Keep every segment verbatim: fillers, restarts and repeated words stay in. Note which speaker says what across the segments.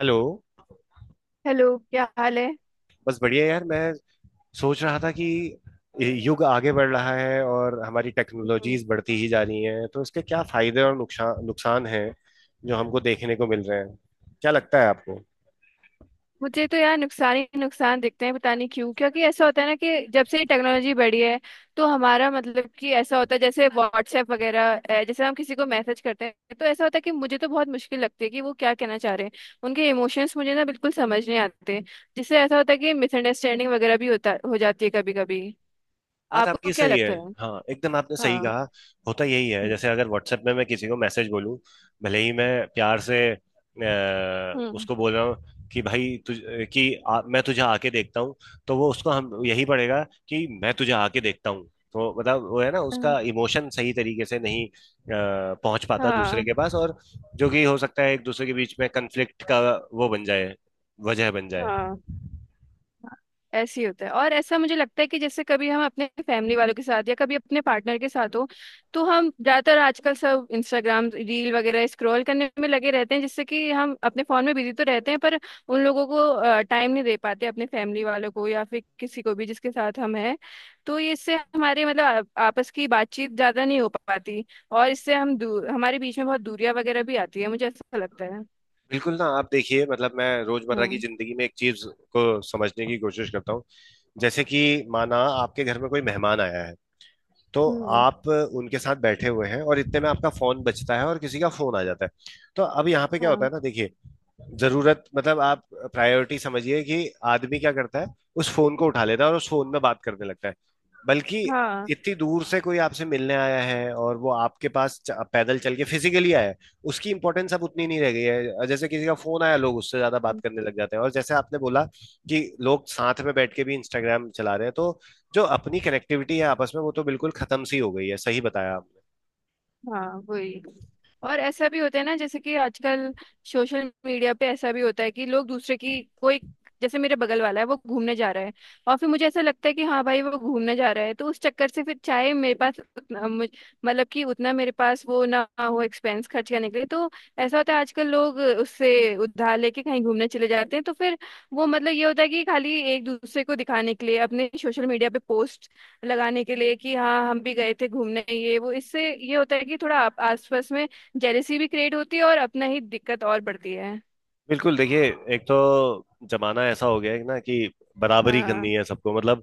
Speaker 1: Hello.
Speaker 2: Hello, क्या हाल है?
Speaker 1: बस बढ़िया यार। मैं सोच रहा था कि युग आगे बढ़ रहा है और हमारी
Speaker 2: हम्म।
Speaker 1: टेक्नोलॉजीज बढ़ती ही जा रही हैं, तो इसके क्या फायदे और नुकसान नुकसान हैं जो हमको देखने को मिल रहे हैं। क्या लगता है आपको?
Speaker 2: मुझे तो यार नुकसान ही नुकसान दिखते हैं, पता नहीं क्यों, क्योंकि ऐसा होता है ना कि जब से टेक्नोलॉजी बढ़ी है तो हमारा मतलब कि ऐसा होता है जैसे व्हाट्सएप वगैरह, अ, जैसे हम किसी को मैसेज करते हैं तो ऐसा होता है कि मुझे तो बहुत मुश्किल लगती है कि वो क्या कहना चाह रहे हैं। उनके इमोशंस मुझे ना बिल्कुल समझ नहीं आते, जिससे ऐसा होता है कि मिसअंडरस्टैंडिंग वगैरह भी होता हो जाती है कभी कभी।
Speaker 1: बात
Speaker 2: आपको
Speaker 1: आपकी
Speaker 2: क्या
Speaker 1: सही है।
Speaker 2: लगता है?
Speaker 1: हाँ, एकदम आपने सही
Speaker 2: हाँ।
Speaker 1: कहा। होता यही है,
Speaker 2: हम्म।
Speaker 1: जैसे अगर व्हाट्सएप में मैं किसी को मैसेज बोलूं, भले ही मैं प्यार से अ,
Speaker 2: हम्म।
Speaker 1: उसको बोल रहा हूँ कि भाई तुझ कि आ, मैं तुझे आके देखता हूँ, तो वो उसको हम यही पड़ेगा कि मैं तुझे आके देखता हूँ। तो मतलब वो है ना, उसका इमोशन सही तरीके से नहीं अ, पहुंच पाता दूसरे
Speaker 2: हाँ।
Speaker 1: के पास। और जो कि हो सकता है एक दूसरे के बीच में कन्फ्लिक्ट का वो बन जाए वजह बन जाए।
Speaker 2: हाँ। ऐसे ही होता है, और ऐसा मुझे लगता है कि जैसे कभी हम अपने फैमिली वालों के साथ या कभी अपने पार्टनर के साथ हो, तो हम ज्यादातर आजकल सब इंस्टाग्राम रील वगैरह स्क्रॉल करने में लगे रहते हैं, जिससे कि हम अपने फोन में बिजी तो रहते हैं पर उन लोगों को टाइम नहीं दे पाते, अपने फैमिली वालों को या फिर किसी को भी जिसके साथ हम हैं। तो ये इससे हमारे मतलब आ- आपस की बातचीत ज्यादा नहीं हो पाती, और इससे हम दूर हमारे बीच में बहुत दूरियां वगैरह भी आती है, मुझे ऐसा लगता है।
Speaker 1: बिल्कुल ना, आप देखिए, मतलब मैं रोजमर्रा की
Speaker 2: हम्म।
Speaker 1: जिंदगी में एक चीज को समझने की कोशिश करता हूँ। जैसे कि माना आपके घर में कोई मेहमान आया है, तो
Speaker 2: हम्म।
Speaker 1: आप उनके साथ बैठे हुए हैं और इतने में आपका फोन बजता है और किसी का फोन आ जाता है। तो अब यहाँ पे क्या होता
Speaker 2: हाँ।
Speaker 1: है ना, देखिए, जरूरत मतलब आप प्रायोरिटी समझिए कि आदमी क्या करता है, उस फोन को उठा लेता है और उस फोन में बात करने लगता है। बल्कि
Speaker 2: हाँ।
Speaker 1: इतनी दूर से कोई आपसे मिलने आया है और वो आपके पास च- पैदल चल के फिजिकली आया है। उसकी इंपॉर्टेंस अब उतनी नहीं रह गई है, जैसे किसी का फोन आया, लोग उससे ज्यादा बात करने लग जाते हैं। और जैसे आपने बोला कि लोग साथ में बैठ के भी इंस्टाग्राम चला रहे हैं, तो जो अपनी कनेक्टिविटी है आपस में, वो तो बिल्कुल खत्म सी हो गई है। सही बताया आप।
Speaker 2: हाँ, वही। और ऐसा भी होता है ना, जैसे कि आजकल सोशल मीडिया पे ऐसा भी होता है कि लोग दूसरे की कोई, जैसे मेरे बगल वाला है वो घूमने जा रहा है, और फिर मुझे ऐसा लगता है कि हाँ भाई वो घूमने जा रहा है, तो उस चक्कर से फिर चाहे मेरे पास उतना मुझ- मतलब कि उतना मेरे पास वो ना हो एक्सपेंस खर्च करने के लिए, तो ऐसा होता है आजकल लोग उससे उधार लेके कहीं घूमने चले जाते हैं, तो फिर वो मतलब ये होता है कि खाली एक दूसरे को दिखाने के लिए अपने सोशल मीडिया पे पोस्ट लगाने के लिए कि हाँ हम भी गए थे घूमने, ये वो, इससे ये होता है कि थोड़ा आप- आसपास में जेलेसी भी क्रिएट होती है और अपना ही दिक्कत और बढ़ती है।
Speaker 1: बिल्कुल, देखिए, एक तो जमाना ऐसा हो गया है ना कि बराबरी
Speaker 2: हाँ।
Speaker 1: करनी है सबको। मतलब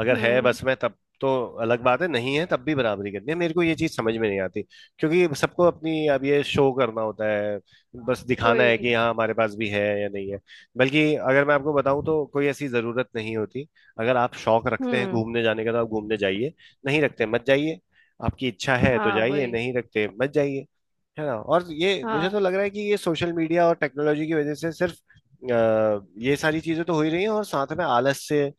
Speaker 1: अगर है
Speaker 2: हम्म।
Speaker 1: बस में तब तो अलग बात है, नहीं है तब भी बराबरी करनी है। मेरे को ये चीज समझ में नहीं आती, क्योंकि सबको अपनी अब ये शो करना होता है, बस दिखाना है
Speaker 2: वही।
Speaker 1: कि हाँ हमारे पास भी है या नहीं है। बल्कि अगर मैं आपको बताऊं तो कोई ऐसी जरूरत नहीं होती। अगर आप शौक रखते हैं
Speaker 2: हम्म।
Speaker 1: घूमने जाने का तो आप घूमने जाइए, नहीं रखते मत जाइए। आपकी इच्छा है तो
Speaker 2: हाँ।
Speaker 1: जाइए,
Speaker 2: वही।
Speaker 1: नहीं रखते मत जाइए। है ना? और ये मुझे तो
Speaker 2: हाँ।
Speaker 1: लग रहा है कि ये सोशल मीडिया और टेक्नोलॉजी की वजह से सिर्फ अ, ये सारी चीजें तो हो ही रही हैं, और साथ में आलस से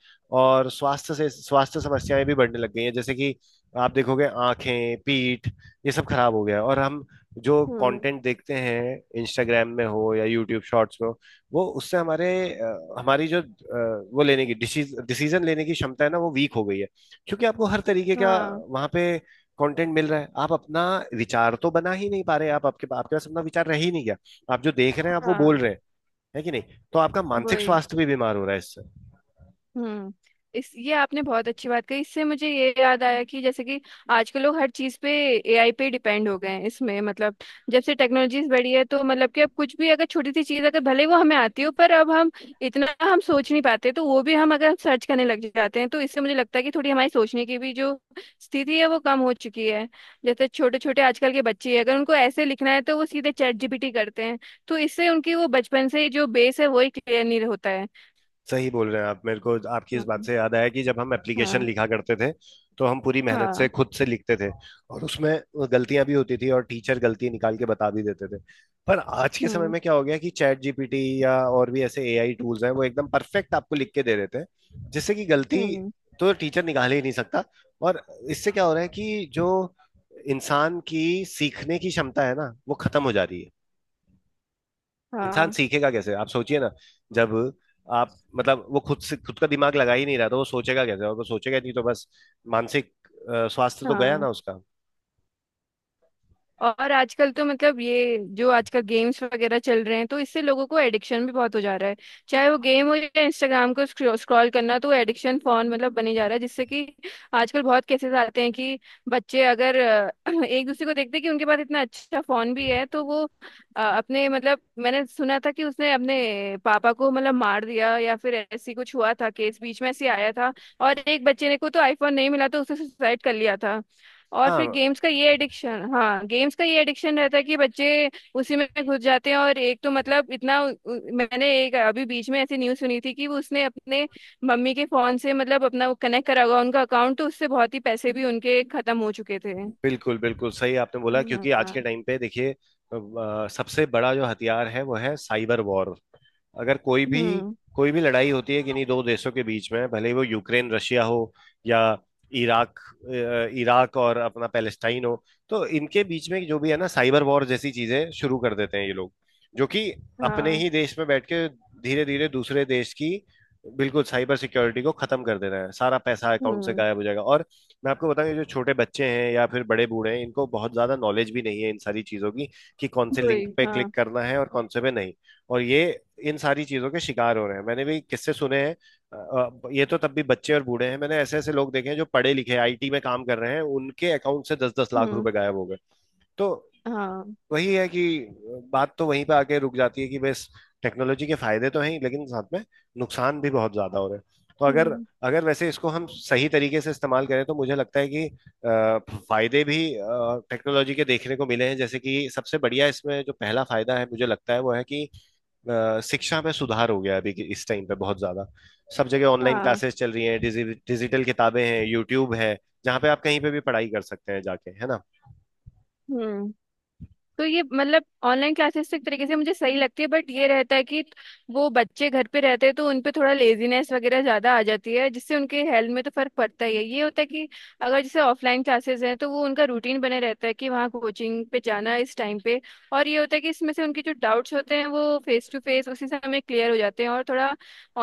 Speaker 1: और स्वास्थ्य से स्वास्थ्य समस्याएं भी बढ़ने लग गई हैं। जैसे कि आप देखोगे आंखें, पीठ, ये सब खराब हो गया है। और हम जो
Speaker 2: हम्म।
Speaker 1: कंटेंट देखते हैं, इंस्टाग्राम में हो या यूट्यूब शॉर्ट्स में हो, वो उससे हमारे अ, हमारी जो अ, वो लेने की डिसीजन लेने की क्षमता है ना, वो वीक हो गई है। क्योंकि आपको हर तरीके का
Speaker 2: हाँ।
Speaker 1: वहां पे कंटेंट मिल रहा है। आप अपना विचार तो बना ही नहीं पा रहे। आप आपके आपके पास अपना विचार रह ही नहीं गया। आप जो देख रहे हैं आप वो बोल
Speaker 2: हाँ।
Speaker 1: रहे हैं, है कि नहीं? तो आपका मानसिक
Speaker 2: वही।
Speaker 1: स्वास्थ्य भी बीमार हो रहा है इससे।
Speaker 2: हम्म। इस ये आपने बहुत अच्छी बात कही, इससे मुझे ये याद आया कि जैसे कि आजकल लोग हर चीज पे ए आई पे डिपेंड हो गए हैं, इसमें मतलब जब से टेक्नोलॉजीज बढ़ी है तो मतलब कि अब कुछ भी अगर छोटी सी चीज अगर भले ही वो हमें आती हो पर अब हम इतना हम सोच नहीं पाते, तो वो भी हम अगर सर्च करने लग जाते हैं, तो इससे मुझे लगता है कि थोड़ी हमारी सोचने की भी जो स्थिति है वो कम हो चुकी है। जैसे छोटे छोटे आजकल के बच्चे हैं, अगर उनको ऐसे लिखना है तो वो सीधे चैट जी पी टी करते हैं, तो इससे उनकी वो बचपन से ही जो बेस है वही क्लियर नहीं होता है।
Speaker 1: सही बोल रहे हैं आप। मेरे को आपकी इस बात
Speaker 2: हम्म।
Speaker 1: से याद आया कि जब हम एप्लीकेशन
Speaker 2: हाँ।
Speaker 1: लिखा करते थे, तो हम पूरी मेहनत से
Speaker 2: हाँ।
Speaker 1: खुद से लिखते थे, और उसमें गलतियां भी होती थी और टीचर गलती निकाल के बता भी देते थे। पर आज के समय
Speaker 2: हम्म।
Speaker 1: में क्या हो गया कि चैट जीपीटी या और भी ऐसे एआई टूल्स हैं, वो एकदम परफेक्ट आपको लिख के दे देते हैं, जिससे कि गलती
Speaker 2: हम्म।
Speaker 1: तो टीचर निकाल ही नहीं सकता। और इससे क्या हो रहा है कि जो इंसान की सीखने की क्षमता है ना, वो खत्म हो जा रही है। इंसान
Speaker 2: हाँ।
Speaker 1: सीखेगा कैसे? आप सोचिए ना, जब आप मतलब वो खुद से खुद का दिमाग लगा ही नहीं रहा, तो वो सोचेगा कैसे? और वो सोचेगा नहीं तो बस मानसिक अ, स्वास्थ्य तो गया ना
Speaker 2: हाँ।
Speaker 1: उसका।
Speaker 2: और आजकल तो मतलब ये जो आजकल गेम्स वगैरह चल रहे हैं, तो इससे लोगों को एडिक्शन भी बहुत हो जा रहा है, चाहे वो गेम हो या इंस्टाग्राम को स्क्रॉल करना, तो एडिक्शन फोन मतलब बने जा रहा है, जिससे कि आजकल बहुत केसेस आते हैं कि बच्चे अगर अ, एक दूसरे को देखते हैं कि उनके पास इतना अच्छा फोन भी है, तो वो अ, अपने मतलब मैंने सुना था कि उसने अपने पापा को मतलब मार दिया, या फिर ऐसी कुछ हुआ था, केस बीच में ऐसे आया था। और एक बच्चे ने को तो आईफोन नहीं मिला, तो उसने सुसाइड कर लिया था। और फिर
Speaker 1: हाँ,
Speaker 2: गेम्स का ये एडिक्शन, हाँ गेम्स का ये एडिक्शन रहता है कि बच्चे उसी में घुस जाते हैं, और एक तो मतलब इतना उ- उ- मैंने एक अभी बीच में ऐसी न्यूज़ सुनी थी कि वो उसने अपने मम्मी के फोन से मतलब अपना वो कनेक्ट करा हुआ उनका अकाउंट, तो उससे बहुत ही पैसे भी उनके खत्म हो चुके थे।
Speaker 1: बिल्कुल बिल्कुल सही आपने बोला,
Speaker 2: हाँ।
Speaker 1: क्योंकि आज
Speaker 2: हाँ।
Speaker 1: के टाइम पे देखिए, अ, सबसे बड़ा जो हथियार है वो है साइबर वॉर। अगर कोई भी
Speaker 2: हम्म।
Speaker 1: कोई भी लड़ाई होती है किन्हीं दो देशों के बीच में, भले ही वो यूक्रेन रशिया हो या इराक अ, इराक और अपना पैलेस्टाइन हो, तो इनके बीच में जो भी है ना, साइबर वॉर जैसी चीजें शुरू कर देते हैं ये लोग, जो कि अपने
Speaker 2: हाँ।
Speaker 1: ही देश में बैठ के धीरे धीरे दूसरे देश की बिल्कुल साइबर सिक्योरिटी को खत्म कर देना है। सारा पैसा अकाउंट से
Speaker 2: हम्म।
Speaker 1: गायब हो जाएगा। और मैं आपको बताऊं, ये जो छोटे बच्चे हैं या फिर बड़े बूढ़े हैं, इनको बहुत ज्यादा नॉलेज भी नहीं है इन सारी चीजों की, कि कौन से लिंक
Speaker 2: वही।
Speaker 1: पे
Speaker 2: हाँ।
Speaker 1: क्लिक करना है और कौन से पे नहीं। और ये इन सारी चीजों के शिकार हो रहे हैं। मैंने भी किस्से सुने हैं। अ, अ, ये तो तब भी बच्चे और बूढ़े हैं, मैंने ऐसे ऐसे लोग देखे हैं जो पढ़े लिखे आईटी में काम कर रहे हैं, उनके अकाउंट से दस दस लाख
Speaker 2: हम्म।
Speaker 1: रुपए गायब हो गए। तो
Speaker 2: हाँ।
Speaker 1: वही है कि बात तो वहीं पे आके रुक जाती है कि बस टेक्नोलॉजी के फायदे तो हैं ही, लेकिन साथ में नुकसान भी बहुत ज्यादा हो रहे हैं। तो अगर
Speaker 2: हम्म।
Speaker 1: अगर वैसे इसको हम सही तरीके से इस्तेमाल करें, तो मुझे लगता है कि अ, फायदे भी टेक्नोलॉजी के देखने को मिले हैं। जैसे कि सबसे बढ़िया इसमें जो पहला फायदा है मुझे लगता है वो है कि अ, शिक्षा में सुधार हो गया है। अभी के- इस टाइम पे बहुत ज्यादा सब जगह ऑनलाइन
Speaker 2: हाँ।
Speaker 1: क्लासेस चल रही हैं, डिजि, डिजिटल किताबें हैं, यूट्यूब है, जहाँ पे आप कहीं पे भी पढ़ाई कर सकते हैं जाके। है ना?
Speaker 2: हम्म। तो ये मतलब ऑनलाइन क्लासेस एक तरीके से मुझे सही लगती है, बट ये रहता है कि वो बच्चे घर पे रहते हैं तो उन पे थोड़ा लेजीनेस वगैरह ज्यादा आ जाती है, जिससे उनके हेल्थ में तो फर्क पड़ता ही है। ये होता है कि अगर जैसे ऑफलाइन क्लासेस हैं तो वो उनका रूटीन बने रहता है कि वहाँ कोचिंग पे जाना है इस टाइम पे। और ये होता है कि इसमें से उनके जो डाउट्स होते हैं वो फेस टू फेस उसी समय क्लियर हो जाते हैं, और थोड़ा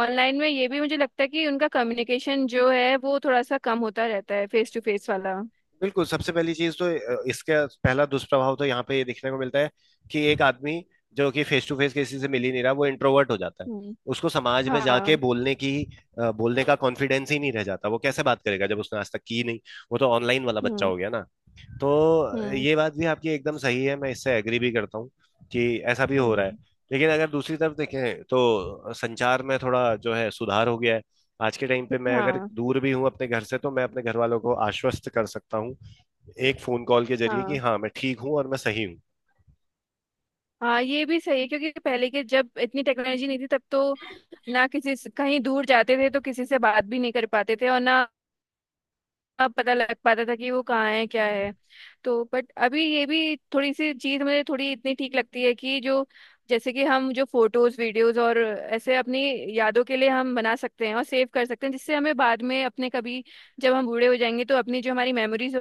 Speaker 2: ऑनलाइन में ये भी मुझे लगता है कि उनका कम्युनिकेशन जो है वो थोड़ा सा कम होता रहता है फेस टू फेस वाला।
Speaker 1: बिल्कुल, सबसे पहली चीज तो अ, इसका पहला दुष्प्रभाव तो यहाँ पे ये देखने को मिलता है कि एक आदमी जो कि फेस टू फेस किसी से मिल ही नहीं रहा, वो इंट्रोवर्ट हो जाता है।
Speaker 2: हम्म।
Speaker 1: उसको समाज में जाके
Speaker 2: हाँ।
Speaker 1: बोलने की अ, बोलने का कॉन्फिडेंस ही नहीं रह जाता। वो कैसे बात करेगा जब उसने आज तक की नहीं? वो तो ऑनलाइन वाला बच्चा
Speaker 2: हम्म।
Speaker 1: हो गया ना। तो
Speaker 2: हम्म।
Speaker 1: ये बात भी आपकी एकदम सही है, मैं इससे एग्री भी करता हूँ कि ऐसा भी हो रहा है।
Speaker 2: हम्म।
Speaker 1: लेकिन अगर दूसरी तरफ देखें तो संचार में थोड़ा जो है सुधार हो गया है। आज के टाइम पे मैं अगर
Speaker 2: हाँ।
Speaker 1: दूर भी हूँ अपने घर से, तो मैं अपने घर वालों को आश्वस्त कर सकता हूँ एक फोन कॉल के जरिए, कि
Speaker 2: हाँ।
Speaker 1: हाँ मैं ठीक हूँ और मैं सही हूँ।
Speaker 2: हाँ ये भी सही है, क्योंकि पहले के जब इतनी टेक्नोलॉजी नहीं थी तब तो ना किसी से- कहीं दूर जाते थे तो किसी से बात भी नहीं कर पाते थे, और ना पता लग पाता था कि वो कहाँ है क्या है। तो बट अभी ये भी थोड़ी सी चीज मुझे थोड़ी इतनी ठीक लगती है कि जो जैसे कि हम जो फोटोज वीडियोज और ऐसे अपनी यादों के लिए हम बना सकते हैं और सेव कर सकते हैं, जिससे हमें बाद में अपने कभी जब हम बूढ़े हो जाएंगे तो अपनी जो हमारी मेमोरीज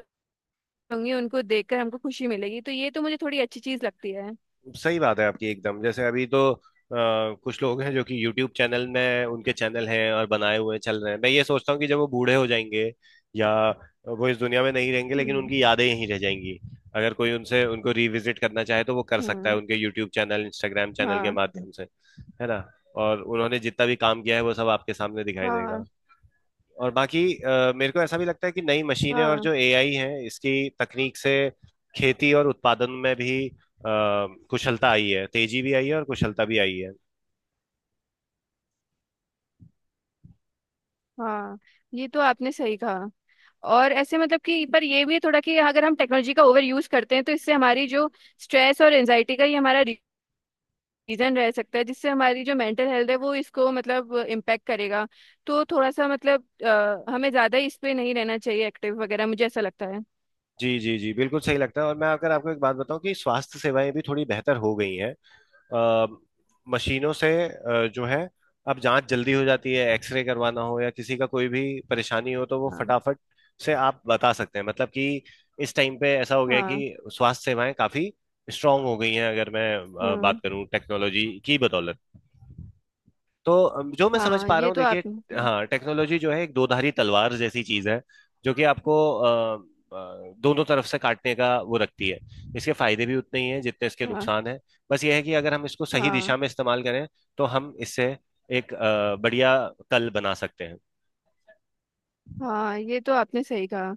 Speaker 2: होंगी उनको देखकर हमको खुशी मिलेगी, तो ये तो मुझे थोड़ी अच्छी चीज लगती है।
Speaker 1: सही बात है आपकी एकदम। जैसे अभी तो आ, कुछ लोग हैं जो कि यूट्यूब चैनल में उनके चैनल हैं और बनाए हुए चल रहे हैं। मैं ये सोचता हूँ कि जब वो बूढ़े हो जाएंगे या वो इस दुनिया में नहीं रहेंगे, लेकिन
Speaker 2: हम्म।
Speaker 1: उनकी यादें यहीं रह जाएंगी। अगर कोई उनसे उनको रिविजिट करना चाहे, तो वो कर सकता है
Speaker 2: हम्म।
Speaker 1: उनके यूट्यूब चैनल इंस्टाग्राम चैनल के
Speaker 2: हाँ।
Speaker 1: माध्यम से। है ना? और उन्होंने जितना भी काम किया है वो सब आपके सामने दिखाई देगा।
Speaker 2: हाँ।
Speaker 1: और बाकी अ, मेरे को ऐसा भी लगता है कि नई मशीनें और
Speaker 2: हाँ।
Speaker 1: जो एआई है इसकी तकनीक से खेती और उत्पादन में भी अ, कुशलता आई है, तेजी भी आई है और कुशलता भी आई है।
Speaker 2: हाँ ये तो आपने सही कहा। और ऐसे मतलब कि पर ये भी है थोड़ा कि अगर हम टेक्नोलॉजी का ओवर यूज करते हैं तो इससे हमारी जो स्ट्रेस और एंजाइटी का ये हमारा रीजन रह सकता है, जिससे हमारी जो मेंटल हेल्थ है वो इसको मतलब इम्पेक्ट करेगा। तो थोड़ा सा मतलब अ, हमें ज्यादा इस पे नहीं रहना चाहिए एक्टिव वगैरह, मुझे ऐसा लगता है।
Speaker 1: जी जी जी, बिल्कुल सही लगता है। और मैं अगर आपको एक बात बताऊं कि स्वास्थ्य सेवाएं भी थोड़ी बेहतर हो गई हैं। अ, मशीनों से अ, जो है अब जांच जल्दी हो जाती है, एक्सरे करवाना हो या किसी का कोई भी परेशानी हो तो वो
Speaker 2: हाँ।
Speaker 1: फटाफट से आप बता सकते हैं। मतलब कि इस टाइम पे ऐसा हो गया है
Speaker 2: हाँ।
Speaker 1: कि स्वास्थ्य सेवाएं काफी स्ट्रांग हो गई हैं, अगर मैं अ, बात
Speaker 2: हम्म।
Speaker 1: करूं टेक्नोलॉजी की बदौलत। तो अम, जो मैं समझ
Speaker 2: हाँ
Speaker 1: पा रहा
Speaker 2: ये
Speaker 1: हूँ
Speaker 2: तो
Speaker 1: देखिए,
Speaker 2: आपने।
Speaker 1: हाँ, टेक्नोलॉजी जो है एक दोधारी तलवार जैसी चीज है, जो कि आपको अ, अ, दोनों तरफ से काटने का वो रखती है। इसके फायदे भी उतने ही हैं जितने इसके
Speaker 2: हाँ।
Speaker 1: नुकसान हैं। बस यह है कि अगर हम इसको सही
Speaker 2: हाँ।
Speaker 1: दिशा में इस्तेमाल करें, तो हम इससे एक अ, बढ़िया कल बना सकते हैं।
Speaker 2: हाँ ये तो आपने सही कहा।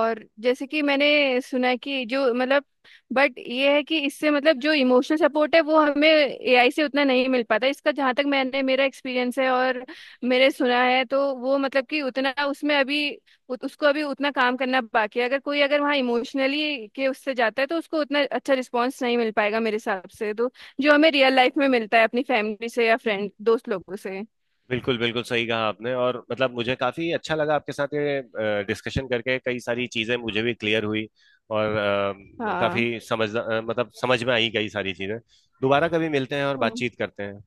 Speaker 2: और जैसे कि मैंने सुना है कि जो मतलब, बट ये है कि इससे मतलब जो इमोशनल सपोर्ट है वो हमें ए आई से उतना नहीं मिल पाता, इसका जहाँ तक मैंने मेरा एक्सपीरियंस है और मेरे सुना है, तो वो मतलब कि उतना उसमें अभी उत, उसको अभी उतना काम करना बाकी है। अगर कोई अगर वहाँ इमोशनली के उससे जाता है तो उसको उतना अच्छा रिस्पॉन्स नहीं मिल पाएगा, मेरे हिसाब से, तो जो हमें रियल लाइफ में मिलता है अपनी फैमिली से या फ्रेंड दोस्त लोगों से।
Speaker 1: बिल्कुल बिल्कुल सही कहा आपने, और मतलब मुझे काफी अच्छा लगा आपके साथ ये डिस्कशन करके। कई सारी चीजें मुझे भी क्लियर हुई, और अ,
Speaker 2: हाँ।
Speaker 1: काफी समझ अ, मतलब, समझ में आई कई सारी चीजें। दोबारा कभी मिलते हैं और
Speaker 2: हम्म।
Speaker 1: बातचीत करते हैं।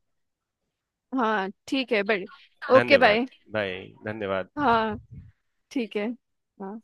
Speaker 2: हाँ, ठीक है बट। ओके
Speaker 1: धन्यवाद।
Speaker 2: बाय।
Speaker 1: भाई धन्यवाद।
Speaker 2: हाँ। ठीक है। हाँ।